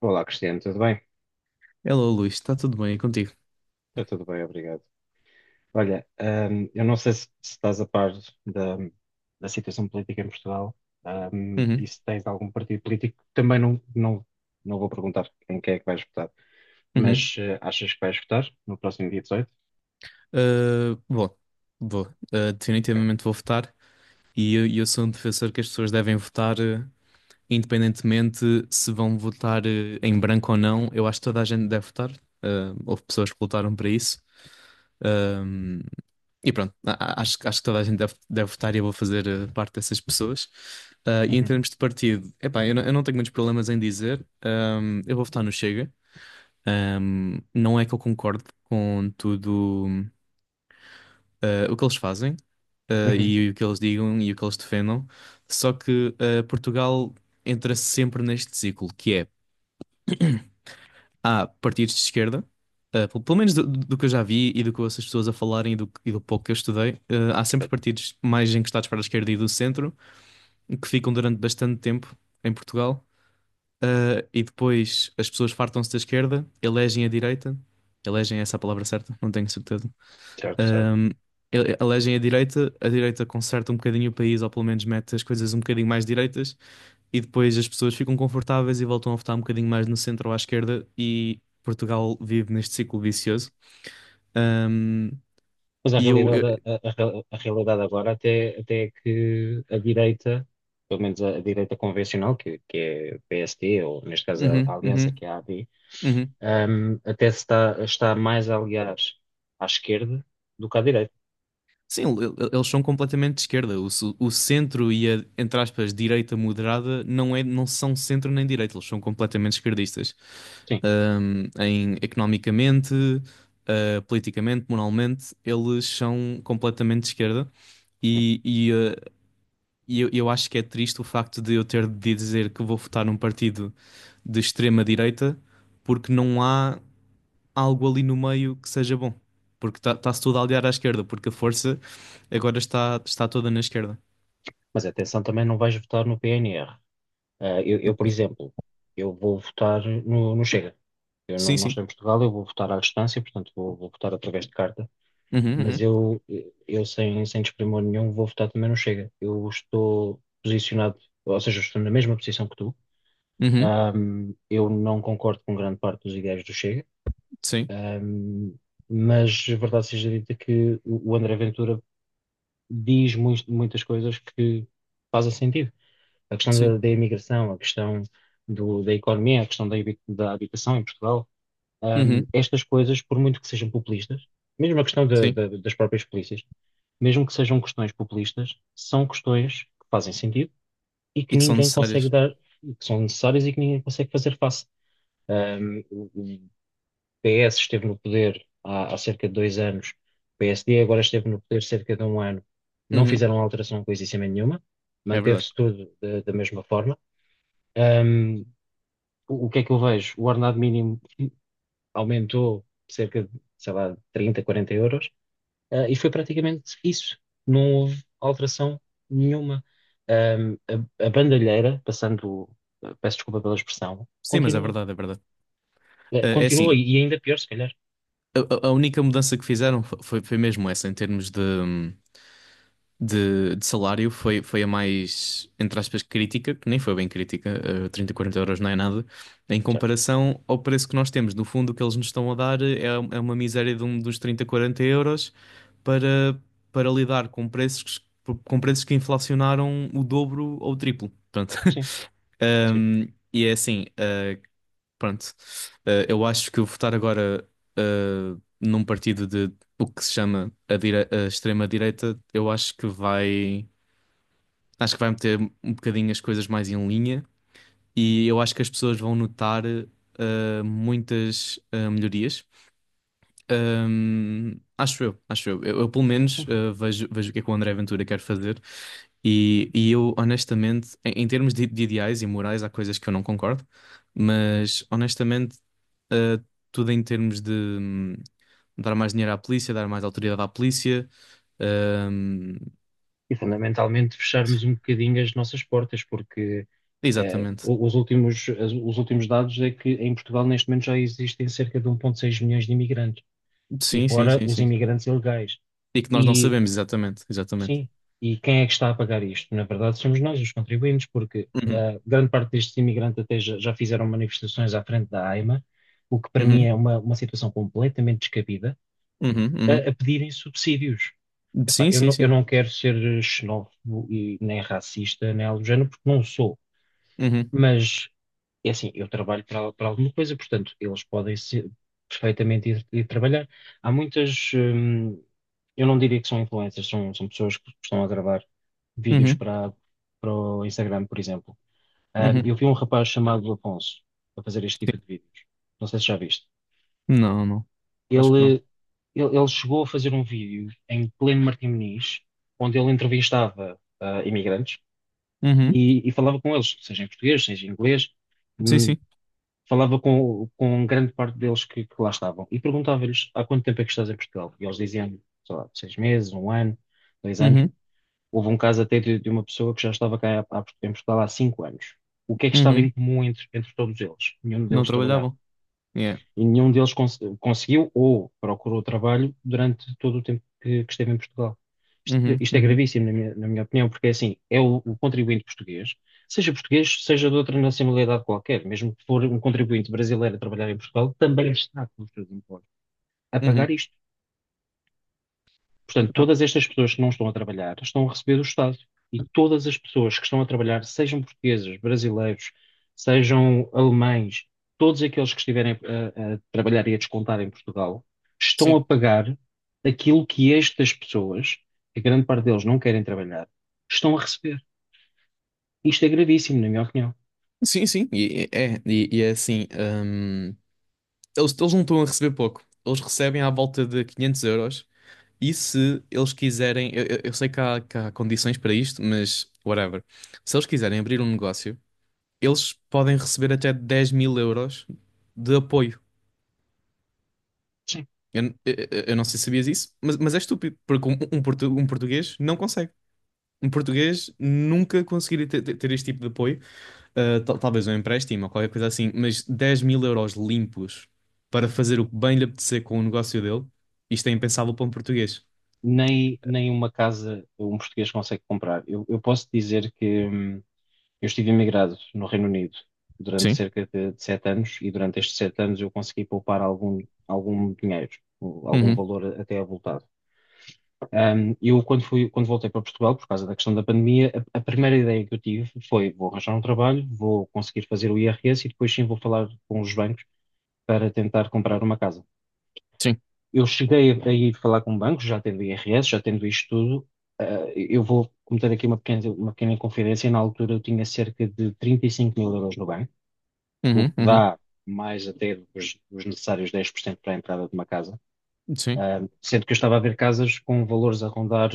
Olá, Cristiano, tudo bem? Hello, Luís, está tudo bem e contigo? Está tudo bem, obrigado. Olha, eu não sei se estás a par da, da situação política em Portugal, e Uhum, se tens algum partido político, também não vou perguntar em quem é que vais votar, uhum. mas achas que vais votar no próximo dia 18? Bom, vou, Ok. definitivamente vou votar e eu sou um defensor que as pessoas devem votar, independentemente se vão votar, em branco ou não. Eu acho que toda a gente deve votar. Houve pessoas que lutaram para isso. Um, e pronto, acho, acho que toda a gente deve, deve votar e eu vou fazer, parte dessas pessoas. E em Uhum. termos de partido, epá, eu, eu não tenho muitos problemas em dizer. Eu vou votar no Chega. Não é que eu concorde com tudo, o que eles fazem, Uhum. e o que eles digam e o que eles defendam, só que Portugal entra sempre neste ciclo, que é, há partidos de esquerda, pelo menos do, do que eu já vi e do que eu ouço as pessoas a falarem e do pouco que eu estudei, há sempre Certo, partidos mais encostados para a esquerda e do centro, que ficam durante bastante tempo em Portugal, e depois as pessoas fartam-se da esquerda, elegem a direita, elegem é essa a palavra certa, não tenho certeza. certo, certo. Um, Elegem a direita conserta um bocadinho o país, ou pelo menos mete as coisas um bocadinho mais direitas, e depois as pessoas ficam confortáveis e voltam a votar um bocadinho mais no centro ou à esquerda, e Portugal vive neste ciclo vicioso. Um, Mas a e eu, realidade, eu- a realidade agora até é que a direita, pelo menos a direita convencional, que é o PSD, ou neste caso a Uhum, Aliança, uhum, que é a AD, uhum. Até se está, mais a aliar à esquerda do que à direita. Sim, eles são completamente de esquerda. O centro e a, entre aspas, direita moderada não é, não são centro nem direita, eles são completamente esquerdistas. Sim, Em economicamente, politicamente, moralmente, eles são completamente de esquerda. sim. E, e, eh, e eu acho que é triste o facto de eu ter de dizer que vou votar num partido de extrema-direita porque não há algo ali no meio que seja bom. Porque está-se tudo a aliar à esquerda, porque a força agora está toda na esquerda. Mas atenção, também não vais votar no PNR. Ah, Do por país. exemplo, eu vou votar no Chega. Eu não, Sim, não sim. estou em Portugal, eu vou votar à distância, portanto vou votar através de carta. Uhum, Mas uhum, eu, eu sem desprimor nenhum, vou votar também no Chega. Eu estou posicionado, ou seja, estou na mesma posição que tu. uhum, Eu não concordo com grande parte dos ideais do Chega, sim, ahm, mas verdade seja dita que o André Ventura diz muitas coisas que fazem sentido. A questão sim, da imigração, a questão da economia, a questão da habitação em Portugal, uhum, estas coisas, por muito que sejam populistas, mesmo a questão da- sim. da- das próprias polícias, mesmo que sejam questões populistas, são questões que fazem sentido e que E que são ninguém consegue necessárias. dar, que são necessárias e que ninguém consegue fazer face. O PS esteve no poder há cerca de 2 anos, o PSD agora esteve no poder cerca de 1 ano, não Uhum, fizeram alteração coisíssima nenhuma, é verdade. manteve-se tudo da mesma forma. Um, o que é que eu vejo? O ordenado mínimo aumentou cerca de, sei lá, 30, 40 euros, e foi praticamente isso. Não houve alteração nenhuma. Ahm, a, a bandalheira, passando, peço desculpa pela expressão, Sim, mas é continua. verdade, é verdade. Eh, É Continua assim, e ainda pior, se calhar. a, a única mudança que fizeram foi mesmo essa, em termos de, de salário, foi a mais, entre aspas, crítica, que nem foi bem crítica, 30, 40 euros não é nada, em Certo? comparação ao preço que nós temos. No fundo, o que eles nos estão a dar é uma miséria de um, dos 30, 40 euros para, para lidar com preços, que inflacionaram o dobro ou o triplo. Portanto, Sim, sim. Um, e é assim, Pronto. Eu acho que eu votar agora eh, num partido de o que se chama a, a extrema-direita, eu acho que vai. Acho que vai meter um bocadinho as coisas mais em linha e eu acho que as pessoas vão notar muitas melhorias. Acho eu, acho eu. Pelo menos Hum. Vejo o que é que o André Ventura quer fazer e eu, honestamente, em, termos de ideais e morais, há coisas que eu não concordo, mas honestamente, eh, tudo em termos de dar mais dinheiro à polícia, dar mais autoridade à polícia, hum, E fundamentalmente fecharmos um bocadinho as nossas portas, porque eh, exatamente. o- os últimos, as- os últimos dados é que em Portugal neste momento já existem cerca de 1,6 milhões de imigrantes, e Sim, sim, fora sim, os sim. imigrantes ilegais. E que nós não E sabemos exatamente, exatamente. sim. E quem é que está a pagar isto? Na verdade, somos nós, os contribuintes, porque Uhum, grande parte destes imigrantes até já fizeram manifestações à frente da AIMA, o que para mim uhum, é uma situação completamente descabida, uhum, a, uhum. a pedirem subsídios. Epá, Sim, eu sim, não, eu sim. não quero ser xenófobo e nem racista, nem algo do género, porque não sou. Uhum, Mas, é assim, eu trabalho para alguma coisa, portanto, eles podem perfeitamente ir trabalhar. Há muitas, eu não diria que são influencers, são pessoas que estão a gravar vídeos uhum, para o Instagram, por exemplo. Ah, uhum. eu vi um rapaz chamado Afonso a fazer este Sim. tipo de vídeos. Não sei se já viste. Não, não. Acho que não. Ele, ele chegou a fazer um vídeo em pleno Martim Moniz, onde ele entrevistava imigrantes Uhum. e falava com eles, seja em português, seja em inglês. Sim, Hum, sim. falava com grande parte deles que lá estavam e perguntava-lhes há quanto tempo é que estás em Portugal? E eles diziam, sei lá, 6 meses, 1 ano, 2 anos. Uhum, Houve um caso até de uma pessoa que já estava cá em Portugal há 5 anos. O que é que estava em uhum. comum entre todos eles? Nenhum Não deles trabalhava trabalhavam. Yeah. e nenhum deles conseguiu ou procurou trabalho durante todo o tempo que esteve em Portugal. Isto, Uhum, isto é uhum, gravíssimo, na minha opinião, porque é assim, é o contribuinte português, seja de outra nacionalidade qualquer, mesmo que for um contribuinte brasileiro a trabalhar em Portugal, também está com os seus impostos a pagar uhum. isto. Portanto, Epá, todas estas pessoas que não estão a trabalhar estão a receber do Estado. E todas as pessoas que estão a trabalhar, sejam portugueses, brasileiros, sejam alemães, todos aqueles que estiverem a trabalhar e a descontar em Portugal, estão a sim, pagar aquilo que estas pessoas, que a grande parte deles não querem trabalhar, estão a receber. Isto é gravíssimo, na minha opinião. sim, sim. E é assim: eles não estão a receber pouco. Eles recebem à volta de 500 euros. E se eles quiserem, eu sei que há condições para isto, mas whatever. Se eles quiserem abrir um negócio, eles podem receber até 10 mil euros de apoio. Sim. Eu, n- eu- Eu não sei se sabias isso, mas é estúpido, porque um português não consegue. Um português nunca conseguiria ter este tipo de apoio. Talvez um empréstimo ou qualquer coisa assim, mas 10.000 euros limpos para fazer o que bem lhe apetecer com o negócio dele, isto é impensável para um português. Nem uma casa um português consegue comprar. Eu posso dizer que, eu estive emigrado no Reino Unido durante Sim. cerca de 7 anos e durante estes 7 anos eu consegui poupar algum dinheiro, algum Uhum. valor até avultado. Eu, quando voltei para Portugal, por causa da questão da pandemia, a primeira ideia que eu tive foi: vou arranjar um trabalho, vou conseguir fazer o IRS e depois sim vou falar com os bancos para tentar comprar uma casa. Sim. Eu cheguei a ir falar com bancos, já tendo o IRS, já tendo isto tudo. ah, eu vou cometer aqui uma pequena inconfidência. Na altura eu tinha cerca de 35 mil euros no banco, o Uhum. que Uhum. dá mais até os necessários 10% para a entrada de uma casa. Sim. Ah, sendo que eu estava a ver casas com valores a rondar,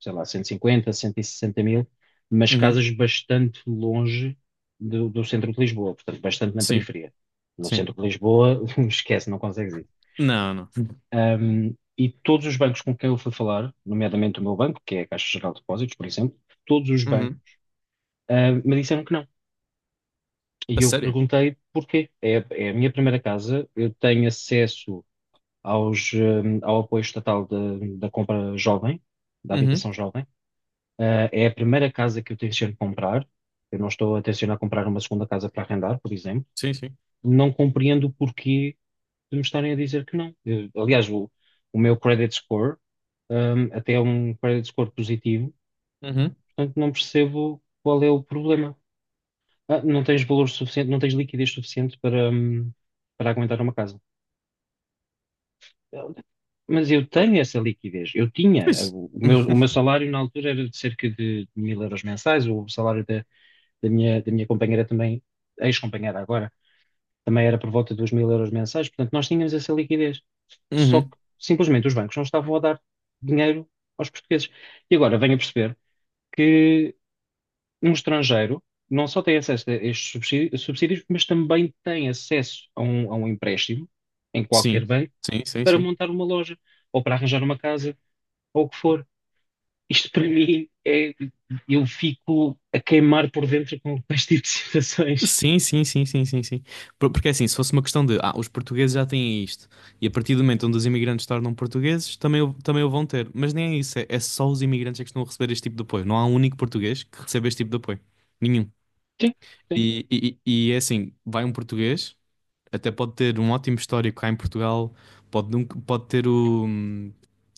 sei lá, cento e cinquenta, cento e sessenta mil, mas Uhum. casas bastante longe do centro de Lisboa, portanto, bastante na Sim. periferia. No Sim. centro de Lisboa, esquece, não consegues ir. Não, não. E todos os bancos com quem eu fui falar, nomeadamente o meu banco, que é a Caixa Geral de Depósitos, por exemplo, todos os bancos, Uhum. Me disseram que não. E A eu sério? perguntei porquê. É a minha primeira casa, eu tenho acesso ao apoio estatal da compra jovem, da Uhum. habitação jovem. É a primeira casa que eu tenciono comprar. Eu não estou a tencionar comprar uma segunda casa para arrendar, por exemplo. Sim, sim. Não compreendo o porquê de me estarem a dizer que não. Aliás, o meu credit score, até é um credit score positivo, Uhum. portanto não percebo qual é o problema. Ah, não tens valor suficiente, não tens liquidez suficiente para aguentar uma casa. Mas eu tenho essa liquidez. Eu tinha. Pois. O meu salário na altura era de cerca de mil euros mensais. O salário da minha companheira também, ex-companheira agora, também era por volta dos mil euros mensais. Portanto, nós tínhamos essa liquidez. Só que Uhum. simplesmente os bancos não estavam a dar dinheiro aos portugueses. E agora venho a perceber que um estrangeiro não só tem acesso a estes subsídios, mas também tem acesso a um empréstimo em qualquer Sim. banco Sim, sim, para sim. montar uma loja ou para arranjar uma casa ou o que for. Isto para mim é. Eu fico a queimar por dentro com este tipo de situações. Sim, sim, sim, sim, sim, sim. Porque é assim, se fosse uma questão de, os portugueses já têm isto, e a partir do momento onde os imigrantes tornam portugueses, também o vão ter. Mas nem é isso, é só os imigrantes é que estão a receber este tipo de apoio. Não há um único português que receba este tipo de apoio. Nenhum. Sim, sim. E é assim, vai um português, até pode ter um ótimo histórico cá em Portugal, pode, pode ter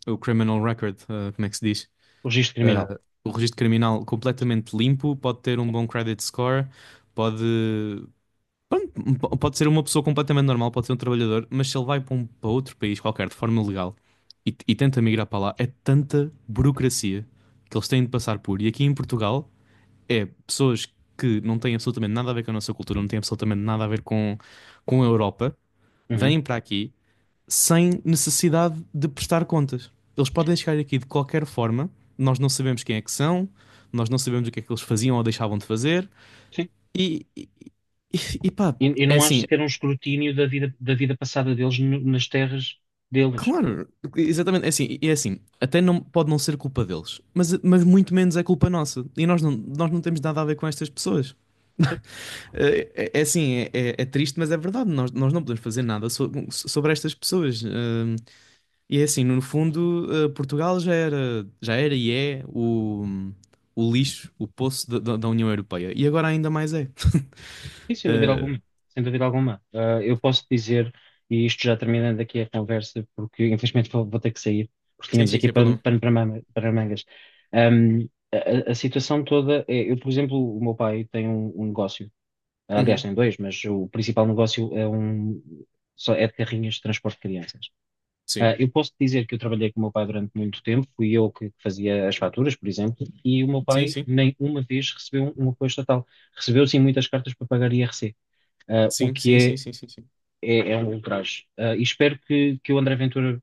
o criminal record, como é que se diz? O registro criminal. Ah, o registro criminal completamente limpo, pode ter um bom credit score, pode. Pode ser uma pessoa completamente normal, pode ser um trabalhador, mas se ele vai para, para outro país qualquer de forma legal e tenta migrar para lá, é tanta burocracia que eles têm de passar por. E aqui em Portugal é pessoas que não têm absolutamente nada a ver com a nossa cultura, não têm absolutamente nada a ver com, a Europa, Uhum, vêm para aqui sem necessidade de prestar contas. Eles podem chegar aqui de qualquer forma, nós não sabemos quem é que são, nós não sabemos o que é que eles faziam ou deixavam de fazer, sim. e, e, e pá. E É não acho assim, sequer um escrutínio da vida, passada deles nas terras deles. Claro, exatamente. É assim, até não, pode não ser culpa deles, mas muito menos é culpa nossa. E nós não temos nada a ver com estas pessoas. Certo? É assim, é triste, mas é verdade. Nós não podemos fazer nada sobre estas pessoas. E é assim, no fundo, Portugal já era e é o, lixo, o poço da, da União Europeia. E agora ainda mais é. Sim, sem dúvida Eh, alguma. Sem dúvida alguma. Eu posso dizer, e isto já terminando aqui a conversa, porque infelizmente vou ter que sair, porque sim, tínhamos sim, aqui sem pano, problema. pano para, manga- para mangas. A, a situação toda é, eu, por exemplo, o meu pai tem um negócio. Aliás, Uhum, tem dois, mas o principal negócio só é de carrinhas de transporte de crianças. Sim, Eu posso te dizer que eu trabalhei com o meu pai durante muito tempo, fui eu que fazia as faturas, por exemplo, e o meu sim, pai sim. nem uma vez recebeu um apoio estatal. Recebeu sim muitas cartas para pagar IRC, o Sim, que sim, sim, sim, sim, sim. é um ultraje. E espero que o André Ventura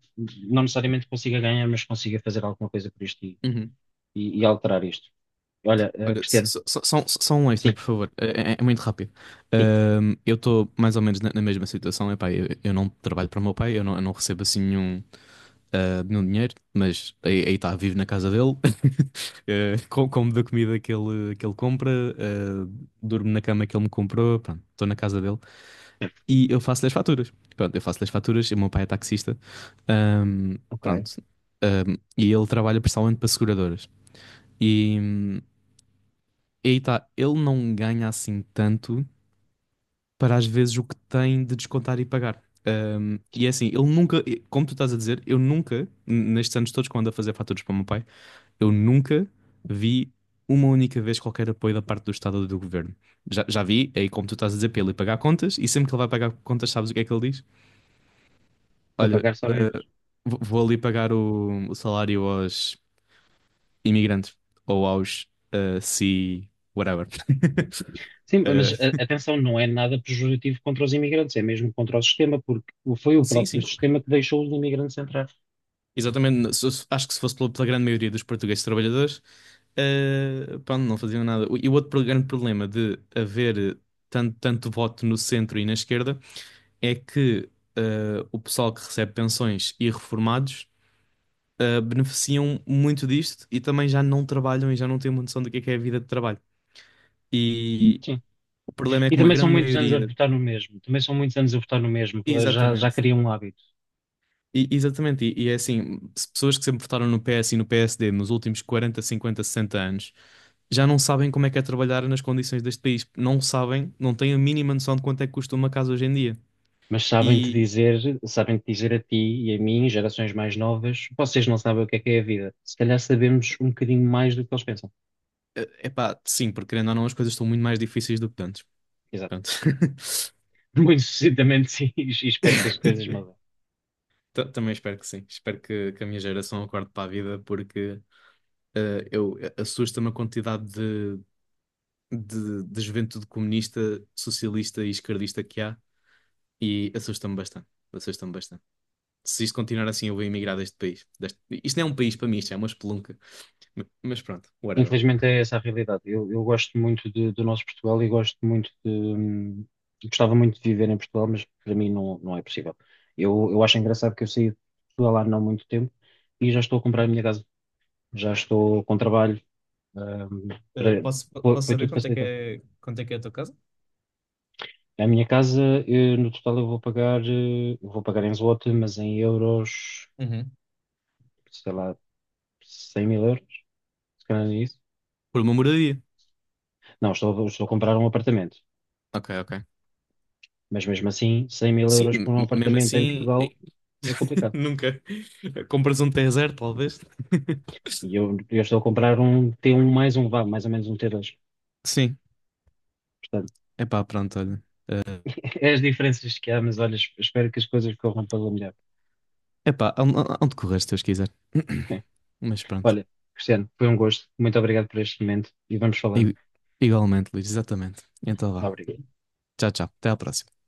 não necessariamente consiga ganhar, mas consiga fazer alguma coisa por isto e, Uhum. e- e alterar isto. Olha, Olha, Cristiano, só, só, só um extra, sim, por favor. É muito rápido. sim, Eu estou mais ou menos na mesma situação. Epá, eu não trabalho para o meu pai, eu não recebo assim nenhum dinheiro, mas aí está, vivo na casa dele, Como da comida que ele compra, eh, durmo na cama que ele me comprou, pronto, estou na casa dele e eu faço-lhe as faturas. Pronto, eu faço-lhe as faturas, e o meu pai é taxista. Ahm, ok, Pronto. E ele trabalha principalmente para seguradoras. E. hum, e aí tá, ele não ganha assim tanto para às vezes o que tem de descontar e pagar. E é assim, ele nunca, como tu estás a dizer, eu nunca, nestes anos todos que eu ando a fazer faturas para o meu pai, eu nunca vi uma única vez qualquer apoio da parte do Estado ou do governo. Já vi, é aí como tu estás a dizer, para ele ir pagar contas, e sempre que ele vai pagar contas, sabes o que é que ele diz? para Olha, pagar só menos. vou ali pagar o, salário aos imigrantes ou aos si, whatever. Sim, Eh, mas atenção, não é nada pejorativo contra os imigrantes, é mesmo contra o sistema, porque foi o sim, próprio sim. sistema que deixou os imigrantes entrar. Exatamente, acho que se fosse pela grande maioria dos portugueses trabalhadores, pá, não faziam nada. E o outro grande problema de haver tanto, tanto voto no centro e na esquerda é que o pessoal que recebe pensões e reformados beneficiam muito disto e também já não trabalham e já não têm uma noção do que é a vida de trabalho. E Sim. o problema é E que uma também são grande muitos anos a maioria. votar no mesmo, também são muitos anos a votar no mesmo, já Exatamente. criam um hábito. Exatamente, e é assim, se pessoas que sempre votaram no PS e no PSD nos últimos 40, 50, 60 anos já não sabem como é que é trabalhar nas condições deste país. Não sabem, não têm a mínima noção de quanto é que custa uma casa hoje em dia. Mas E, sabem-te dizer a ti e a mim, gerações mais novas, vocês não sabem o que é a vida. Se calhar sabemos um bocadinho mais do que eles pensam. é pá, sim, porque querendo ou não, as coisas estão muito mais difíceis do que antes. Exato. Pronto. Muito sucintamente, sim, e espero que as coisas mudem. Também espero que sim. Espero que a minha geração acorde para a vida, porque assusta-me a quantidade de, de juventude comunista, socialista e esquerdista que há, e assusta-me bastante. Assusta-me bastante. Se isto continuar assim, eu vou emigrar deste país. Isto não é um país para mim, isto é uma espelunca. Mas pronto, whatever. Infelizmente é essa a realidade. Eu gosto muito do nosso Portugal e gosto muito de. Gostava muito de viver em Portugal, mas para mim não é possível. Eu acho engraçado que eu saí de Portugal há não muito tempo e já estou a comprar a minha casa. Já estou com trabalho. hum, para- posso, foi, posso foi saber tudo quanto é que facilitado. é, quanto é que é a tua casa? A minha casa, no total, eu vou pagar em zloty, mas em euros, Uhum. sei lá, 100 mil euros, se calhar é isso. Por uma moradia. Não, estou a comprar um apartamento. Ok, ok. Mas mesmo assim, 100 mil Sim, euros por um mesmo apartamento em assim, Portugal é complicado. nunca. A comparação de zero, talvez. E eu estou a comprar um t um mais um, vá, mais ou menos um T2. Sim, Portanto, epá, pronto, olha. Eh, é as diferenças que há, mas olha, espero que as coisas corram pela melhor. Há onde correr se Deus quiser. Bem, Mas pronto. olha, Cristiano, foi um gosto. Muito obrigado por este momento e vamos falando. I- Igualmente, Luís, exatamente. Então vá. Obrigado. Tchau, tchau. Até à próxima.